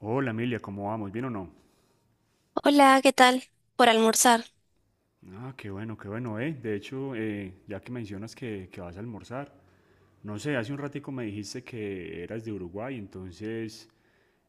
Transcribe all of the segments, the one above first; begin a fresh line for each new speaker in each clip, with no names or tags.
Hola Emilia, ¿cómo vamos? ¿Bien o no?
Hola, ¿qué tal? Por almorzar.
Ah, qué bueno, De hecho, ya que mencionas que vas a almorzar, no sé, hace un ratico me dijiste que eras de Uruguay, entonces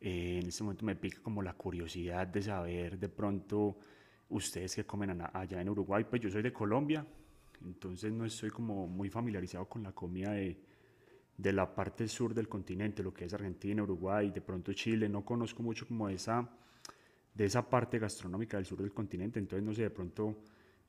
en este momento me pica como la curiosidad de saber de pronto ustedes qué comen allá en Uruguay. Pues yo soy de Colombia, entonces no estoy como muy familiarizado con la comida de la parte sur del continente, lo que es Argentina, Uruguay, de pronto Chile, no conozco mucho como esa de esa parte gastronómica del sur del continente. Entonces, no sé, de pronto,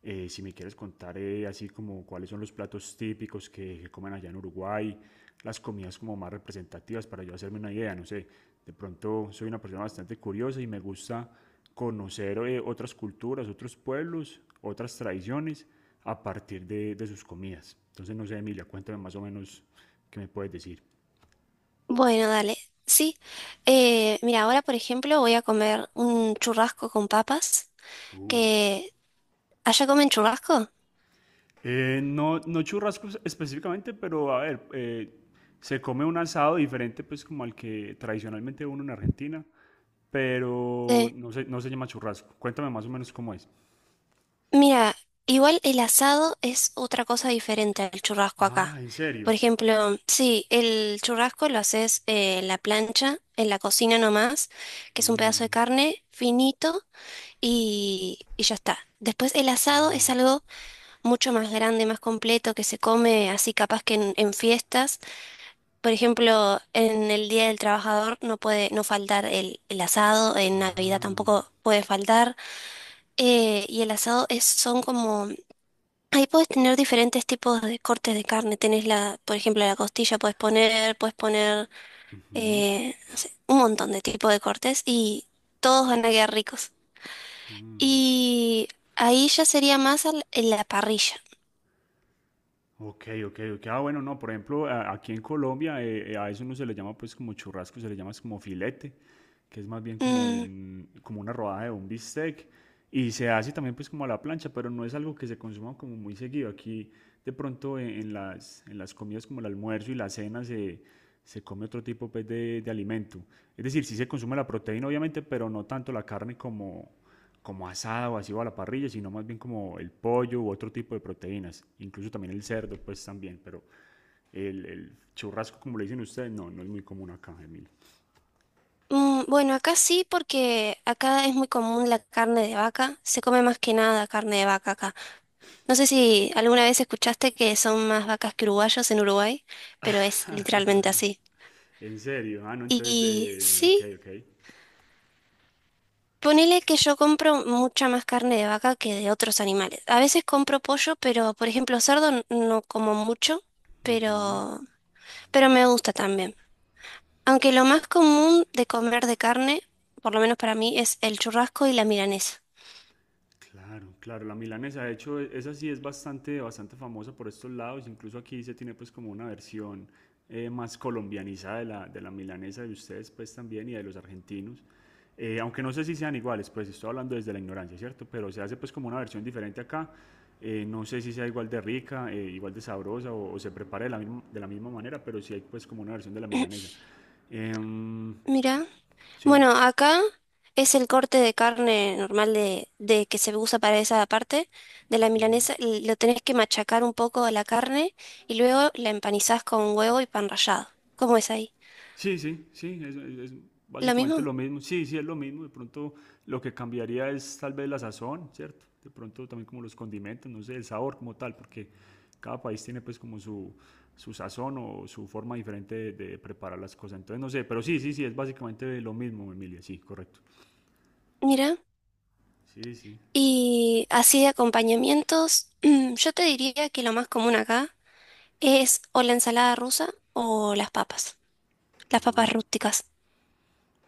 si me quieres contar así como cuáles son los platos típicos que comen allá en Uruguay, las comidas como más representativas para yo hacerme una idea, no sé. De pronto soy una persona bastante curiosa y me gusta conocer otras culturas, otros pueblos, otras tradiciones a partir de sus comidas. Entonces, no sé, Emilia, cuéntame más o menos qué me puedes decir.
Bueno, dale. Sí. Mira, ahora, por ejemplo, voy a comer un churrasco con papas,
Uh,
que allá comen churrasco.
No, no churrascos específicamente, pero a ver, se come un asado diferente pues como al que tradicionalmente uno en Argentina, pero
Eh,
no se llama churrasco. Cuéntame más o menos cómo es.
Mira, igual el asado es otra cosa diferente al churrasco
Ah,
acá.
¿en serio?
Por ejemplo, sí, el churrasco lo haces en la plancha, en la cocina nomás, que es un pedazo de
Mm,
carne finito y ya está. Después el asado es algo mucho más grande, más completo, que se come así capaz que en fiestas. Por ejemplo, en el Día del Trabajador no puede no faltar el asado, en Navidad
ah.
tampoco puede faltar. Y el asado es, son como... Ahí puedes tener diferentes tipos de cortes de carne. Tenés la, por ejemplo, la costilla puedes poner, no sé, un montón de tipos de cortes y todos van a quedar ricos. Y ahí ya sería en la parrilla.
Ok, ok, ok. Ah, bueno, no, por ejemplo, aquí en Colombia a eso no se le llama pues como churrasco, se le llama es como filete, que es más bien como
Mm.
un, como una rodaja de un bistec y se hace también pues como a la plancha, pero no es algo que se consuma como muy seguido. Aquí de pronto en en las comidas como el almuerzo y la cena se come otro tipo pues de alimento. Es decir, sí se consume la proteína obviamente, pero no tanto la carne como asada o así o a la parrilla, sino más bien como el pollo u otro tipo de proteínas, incluso también el cerdo, pues también, pero el churrasco, como le dicen ustedes, no, no es muy común acá, Emilio.
Mm, bueno, acá sí, porque acá es muy común la carne de vaca. Se come más que nada carne de vaca acá. No sé si alguna vez escuchaste que son más vacas que uruguayos en Uruguay, pero es literalmente así.
En serio, ah, no, entonces,
Y
ok,
sí,
ok.
ponele que yo compro mucha más carne de vaca que de otros animales. A veces compro pollo, pero por ejemplo cerdo no como mucho, pero, pero me gusta también. Aunque lo más común de comer de carne, por lo menos para mí, es el churrasco y la milanesa.
Claro, claro, la milanesa, de hecho, esa sí es bastante, bastante famosa por estos lados, incluso aquí se tiene pues como una versión más colombianizada de de la milanesa de ustedes pues también y de los argentinos. Aunque no sé si sean iguales, pues estoy hablando desde la ignorancia, ¿cierto? Pero se hace pues como una versión diferente acá. No sé si sea igual de rica, igual de sabrosa o se prepare de de la misma manera, pero sí hay pues como una versión de la milanesa. Em,
Mira.
sí.
Bueno, acá es el corte de carne normal de que se usa para esa parte de la milanesa. Lo tenés que machacar un poco a la carne y luego la empanizás con huevo y pan rallado. ¿Cómo es ahí?
Sí, sí, sí, es
¿Lo
básicamente
mismo?
lo mismo. Sí, sí, es lo mismo. De pronto lo que cambiaría es tal vez la sazón, ¿cierto? De pronto también como los condimentos, no sé, el sabor como tal, porque cada país tiene pues como su sazón o su forma diferente de preparar las cosas. Entonces, no sé, pero sí, sí, sí, es básicamente lo mismo, Emilia, sí, correcto.
Mira.
Sí, sí.
Y así de acompañamientos, yo te diría que lo más común acá es o la ensalada rusa o las
Ah.
papas rústicas.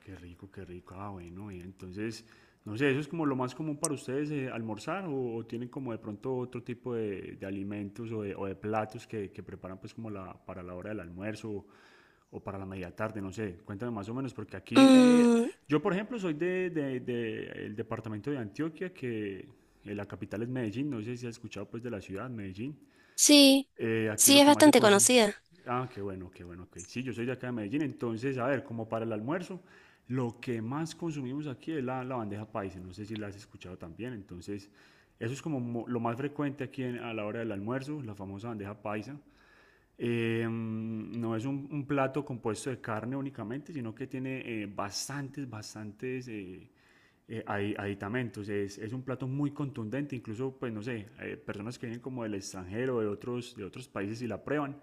Qué rico, qué rico. Ah, bueno, bien. Entonces, no sé, ¿eso es como lo más común para ustedes almorzar o tienen como de pronto otro tipo de alimentos o o de platos que preparan pues como para la hora del almuerzo o para la media tarde? No sé, cuéntame más o menos, porque aquí
Mm,
yo, por ejemplo, soy de el departamento de Antioquia, que la capital es Medellín, no sé si has escuchado pues de la ciudad, Medellín.
sí,
Aquí
sí,
lo
es
que más se
bastante
consume.
conocida.
Ah, qué bueno, ok. Sí, yo soy de acá de Medellín, entonces, a ver, como para el almuerzo, lo que más consumimos aquí es la bandeja paisa, no sé si la has escuchado también, entonces, eso es como lo más frecuente aquí a la hora del almuerzo, la famosa bandeja paisa. No es un plato compuesto de carne únicamente, sino que tiene bastantes, bastantes aditamentos. Es un plato muy contundente, incluso, pues no sé, personas que vienen como del extranjero, de otros países y la prueban,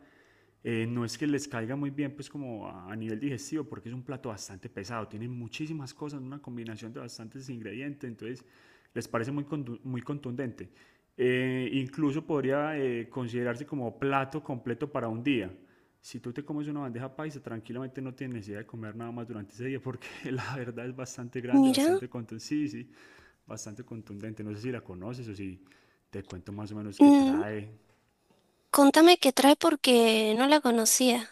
no es que les caiga muy bien, pues como a nivel digestivo, porque es un plato bastante pesado, tiene muchísimas cosas, una combinación de bastantes ingredientes, entonces les parece muy contundente. Incluso podría considerarse como plato completo para un día. Si tú te comes una bandeja paisa, tranquilamente no tienes necesidad de comer nada más durante ese día, porque la verdad es bastante grande,
Mira.
bastante contundente, sí, sí, bastante contundente. No sé si la conoces o si te cuento más o menos qué
Mm,
trae.
contame qué trae porque no la conocía.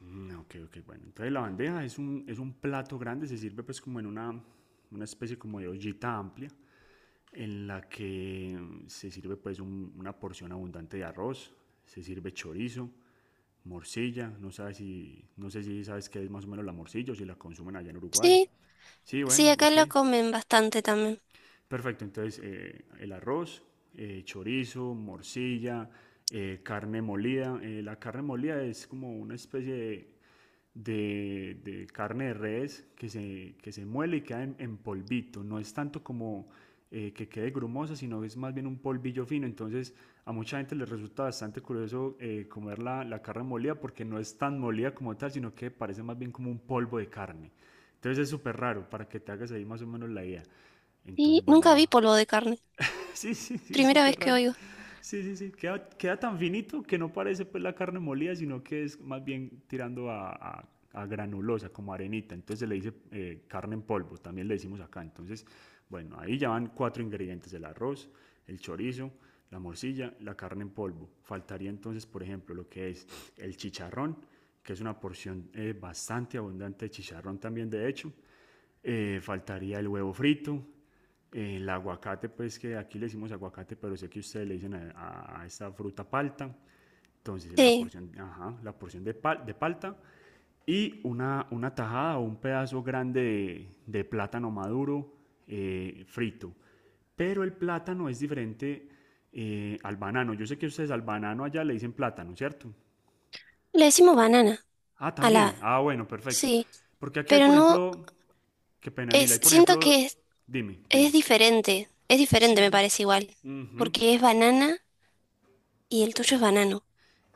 Mm, ok, ok, bueno. Entonces la bandeja es un plato grande, se sirve pues como en una especie como de ollita amplia en la que se sirve pues una porción abundante de arroz, se sirve chorizo, morcilla, no sé si sabes qué es más o menos la morcilla o si la consumen allá en Uruguay.
Sí,
Sí,
sí,
bueno,
acá
ok.
la comen bastante también.
Perfecto, entonces el arroz, chorizo, morcilla, carne molida. La carne molida es como una especie de de carne de res que se muele y queda en polvito. No es tanto como que quede grumosa, sino es más bien un polvillo fino. Entonces a mucha gente les resulta bastante curioso comer la carne molida porque no es tan molida como tal, sino que parece más bien como un polvo de carne. Entonces es súper raro para que te hagas ahí más o menos la idea.
Y
Entonces,
nunca vi
bueno,
polvo de carne.
sí, sí, sí, es
Primera vez
súper
que
raro.
oigo.
Sí, sí, sí. Queda, queda tan finito que no parece pues la carne molida, sino que es más bien tirando a granulosa, como arenita. Entonces se le dice carne en polvo, también le decimos acá. Entonces, bueno, ahí ya van cuatro ingredientes, el arroz, el chorizo, la morcilla, la carne en polvo. Faltaría entonces, por ejemplo, lo que es el chicharrón, que es una porción bastante abundante de chicharrón también, de hecho. Faltaría el huevo frito, el aguacate, pues que aquí le decimos aguacate, pero sé que ustedes le dicen esta fruta palta. Entonces, la
Sí,
porción, ajá, la porción de palta y una tajada o un pedazo grande de plátano maduro frito. Pero el plátano es diferente al banano. Yo sé que ustedes al banano allá le dicen plátano, ¿cierto?
le decimos banana
Ah,
a la...
también. Ah, bueno, perfecto.
Sí,
Porque aquí hay,
pero
por
no...
ejemplo, qué pena, Mila,
Es,
hay, por
siento
ejemplo,
que
dime,
es
dime.
diferente. Es diferente,
Sí,
me
sí.
parece igual.
Ujú.
Porque es banana y el
Eh,
tuyo es banano,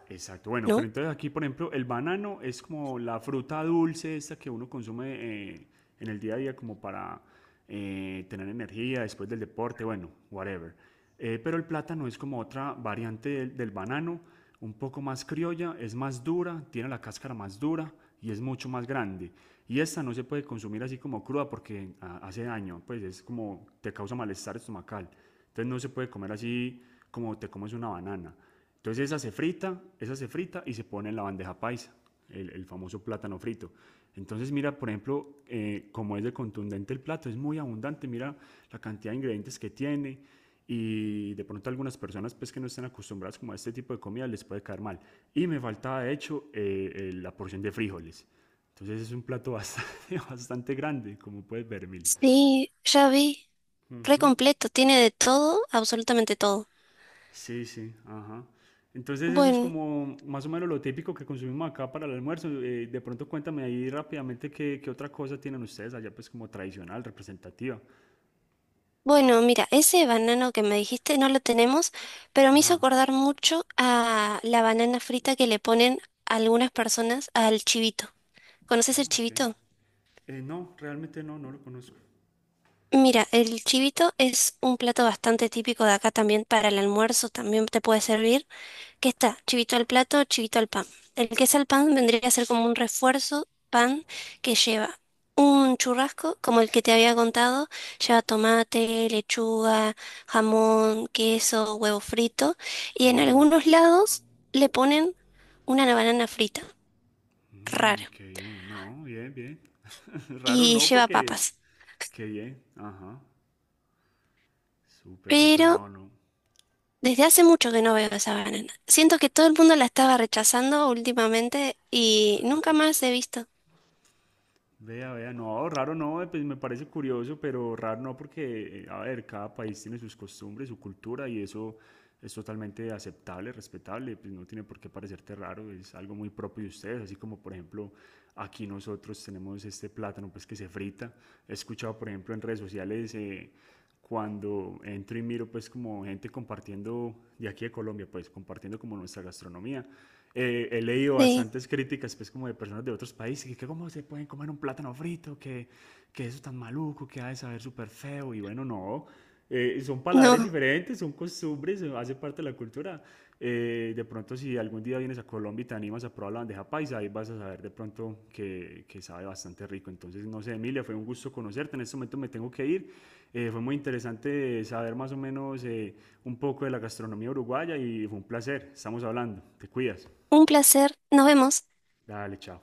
Exacto, bueno,
¿no?
pero entonces aquí, por ejemplo, el banano es como la fruta dulce esta que uno consume eh, en el día a día como para tener energía después del deporte, bueno, whatever. Pero el plátano es como otra variante del banano, un poco más criolla, es más dura, tiene la cáscara más dura y es mucho más grande. Y esta no se puede consumir así como cruda porque ah, hace daño, pues es como te causa malestar estomacal. Entonces no se puede comer así como te comes una banana. Entonces esa se frita y se pone en la bandeja paisa, el famoso plátano frito. Entonces mira, por ejemplo, como es de contundente el plato, es muy abundante, mira la cantidad de ingredientes que tiene y de pronto a algunas personas pues que no están acostumbradas como a este tipo de comida les puede caer mal. Y me faltaba de hecho la porción de frijoles. Entonces es un plato bastante, bastante grande, como puedes ver, Mili.
Sí, ya vi. Re
Ujú.
completo. Tiene de todo, absolutamente todo.
Sí, sí, ajá. Entonces eso es
Bueno.
como más o menos lo típico que consumimos acá para el almuerzo. De pronto cuéntame ahí rápidamente qué otra cosa tienen ustedes allá pues como tradicional, representativa.
Bueno, mira, ese banano que me dijiste no lo tenemos, pero me hizo
Ah,
acordar mucho a la banana frita que le ponen algunas personas al chivito. ¿Conoces el
ah, ok.
chivito?
No, realmente no, no lo conozco.
Mira, el chivito es un plato bastante típico de acá también para el almuerzo, también te puede servir. ¿Qué está? Chivito al plato, chivito al pan. El queso al pan vendría a ser como un refuerzo pan que lleva un churrasco, como el que te había contado, lleva tomate, lechuga, jamón, queso, huevo frito, y en
Uh,
algunos lados le ponen una banana frita,
mm,
raro,
qué bien, no, bien, bien. Raro
y
no,
lleva
porque
papas.
qué bien, ajá. Súper, súper,
Pero
no, no.
desde hace mucho que no veo esa banana. Siento que todo el mundo la estaba rechazando últimamente y nunca más he visto.
Vea, vea, no, raro no, pues me parece curioso, pero raro no porque, a ver, cada país tiene sus costumbres, su cultura y eso es totalmente aceptable, respetable, pues no tiene por qué parecerte raro, es algo muy propio de ustedes, así como por ejemplo aquí nosotros tenemos este plátano pues que se frita. He escuchado por ejemplo en redes sociales cuando entro y miro pues como gente compartiendo de aquí de Colombia, pues compartiendo como nuestra gastronomía. He leído
Sí,
bastantes críticas pues como de personas de otros países, que cómo se pueden comer un plátano frito, que eso tan maluco, que ha de saber súper feo, y bueno, no, son paladares
no.
diferentes, son costumbres, hace parte de la cultura. De pronto, si algún día vienes a Colombia y te animas a probar la bandeja paisa, ahí vas a saber de pronto que sabe bastante rico. Entonces, no sé, Emilia, fue un gusto conocerte. En este momento me tengo que ir. Fue muy interesante saber más o menos un poco de la gastronomía uruguaya y fue un placer. Estamos hablando. Te cuidas.
Un placer, nos vemos.
Dale, chao.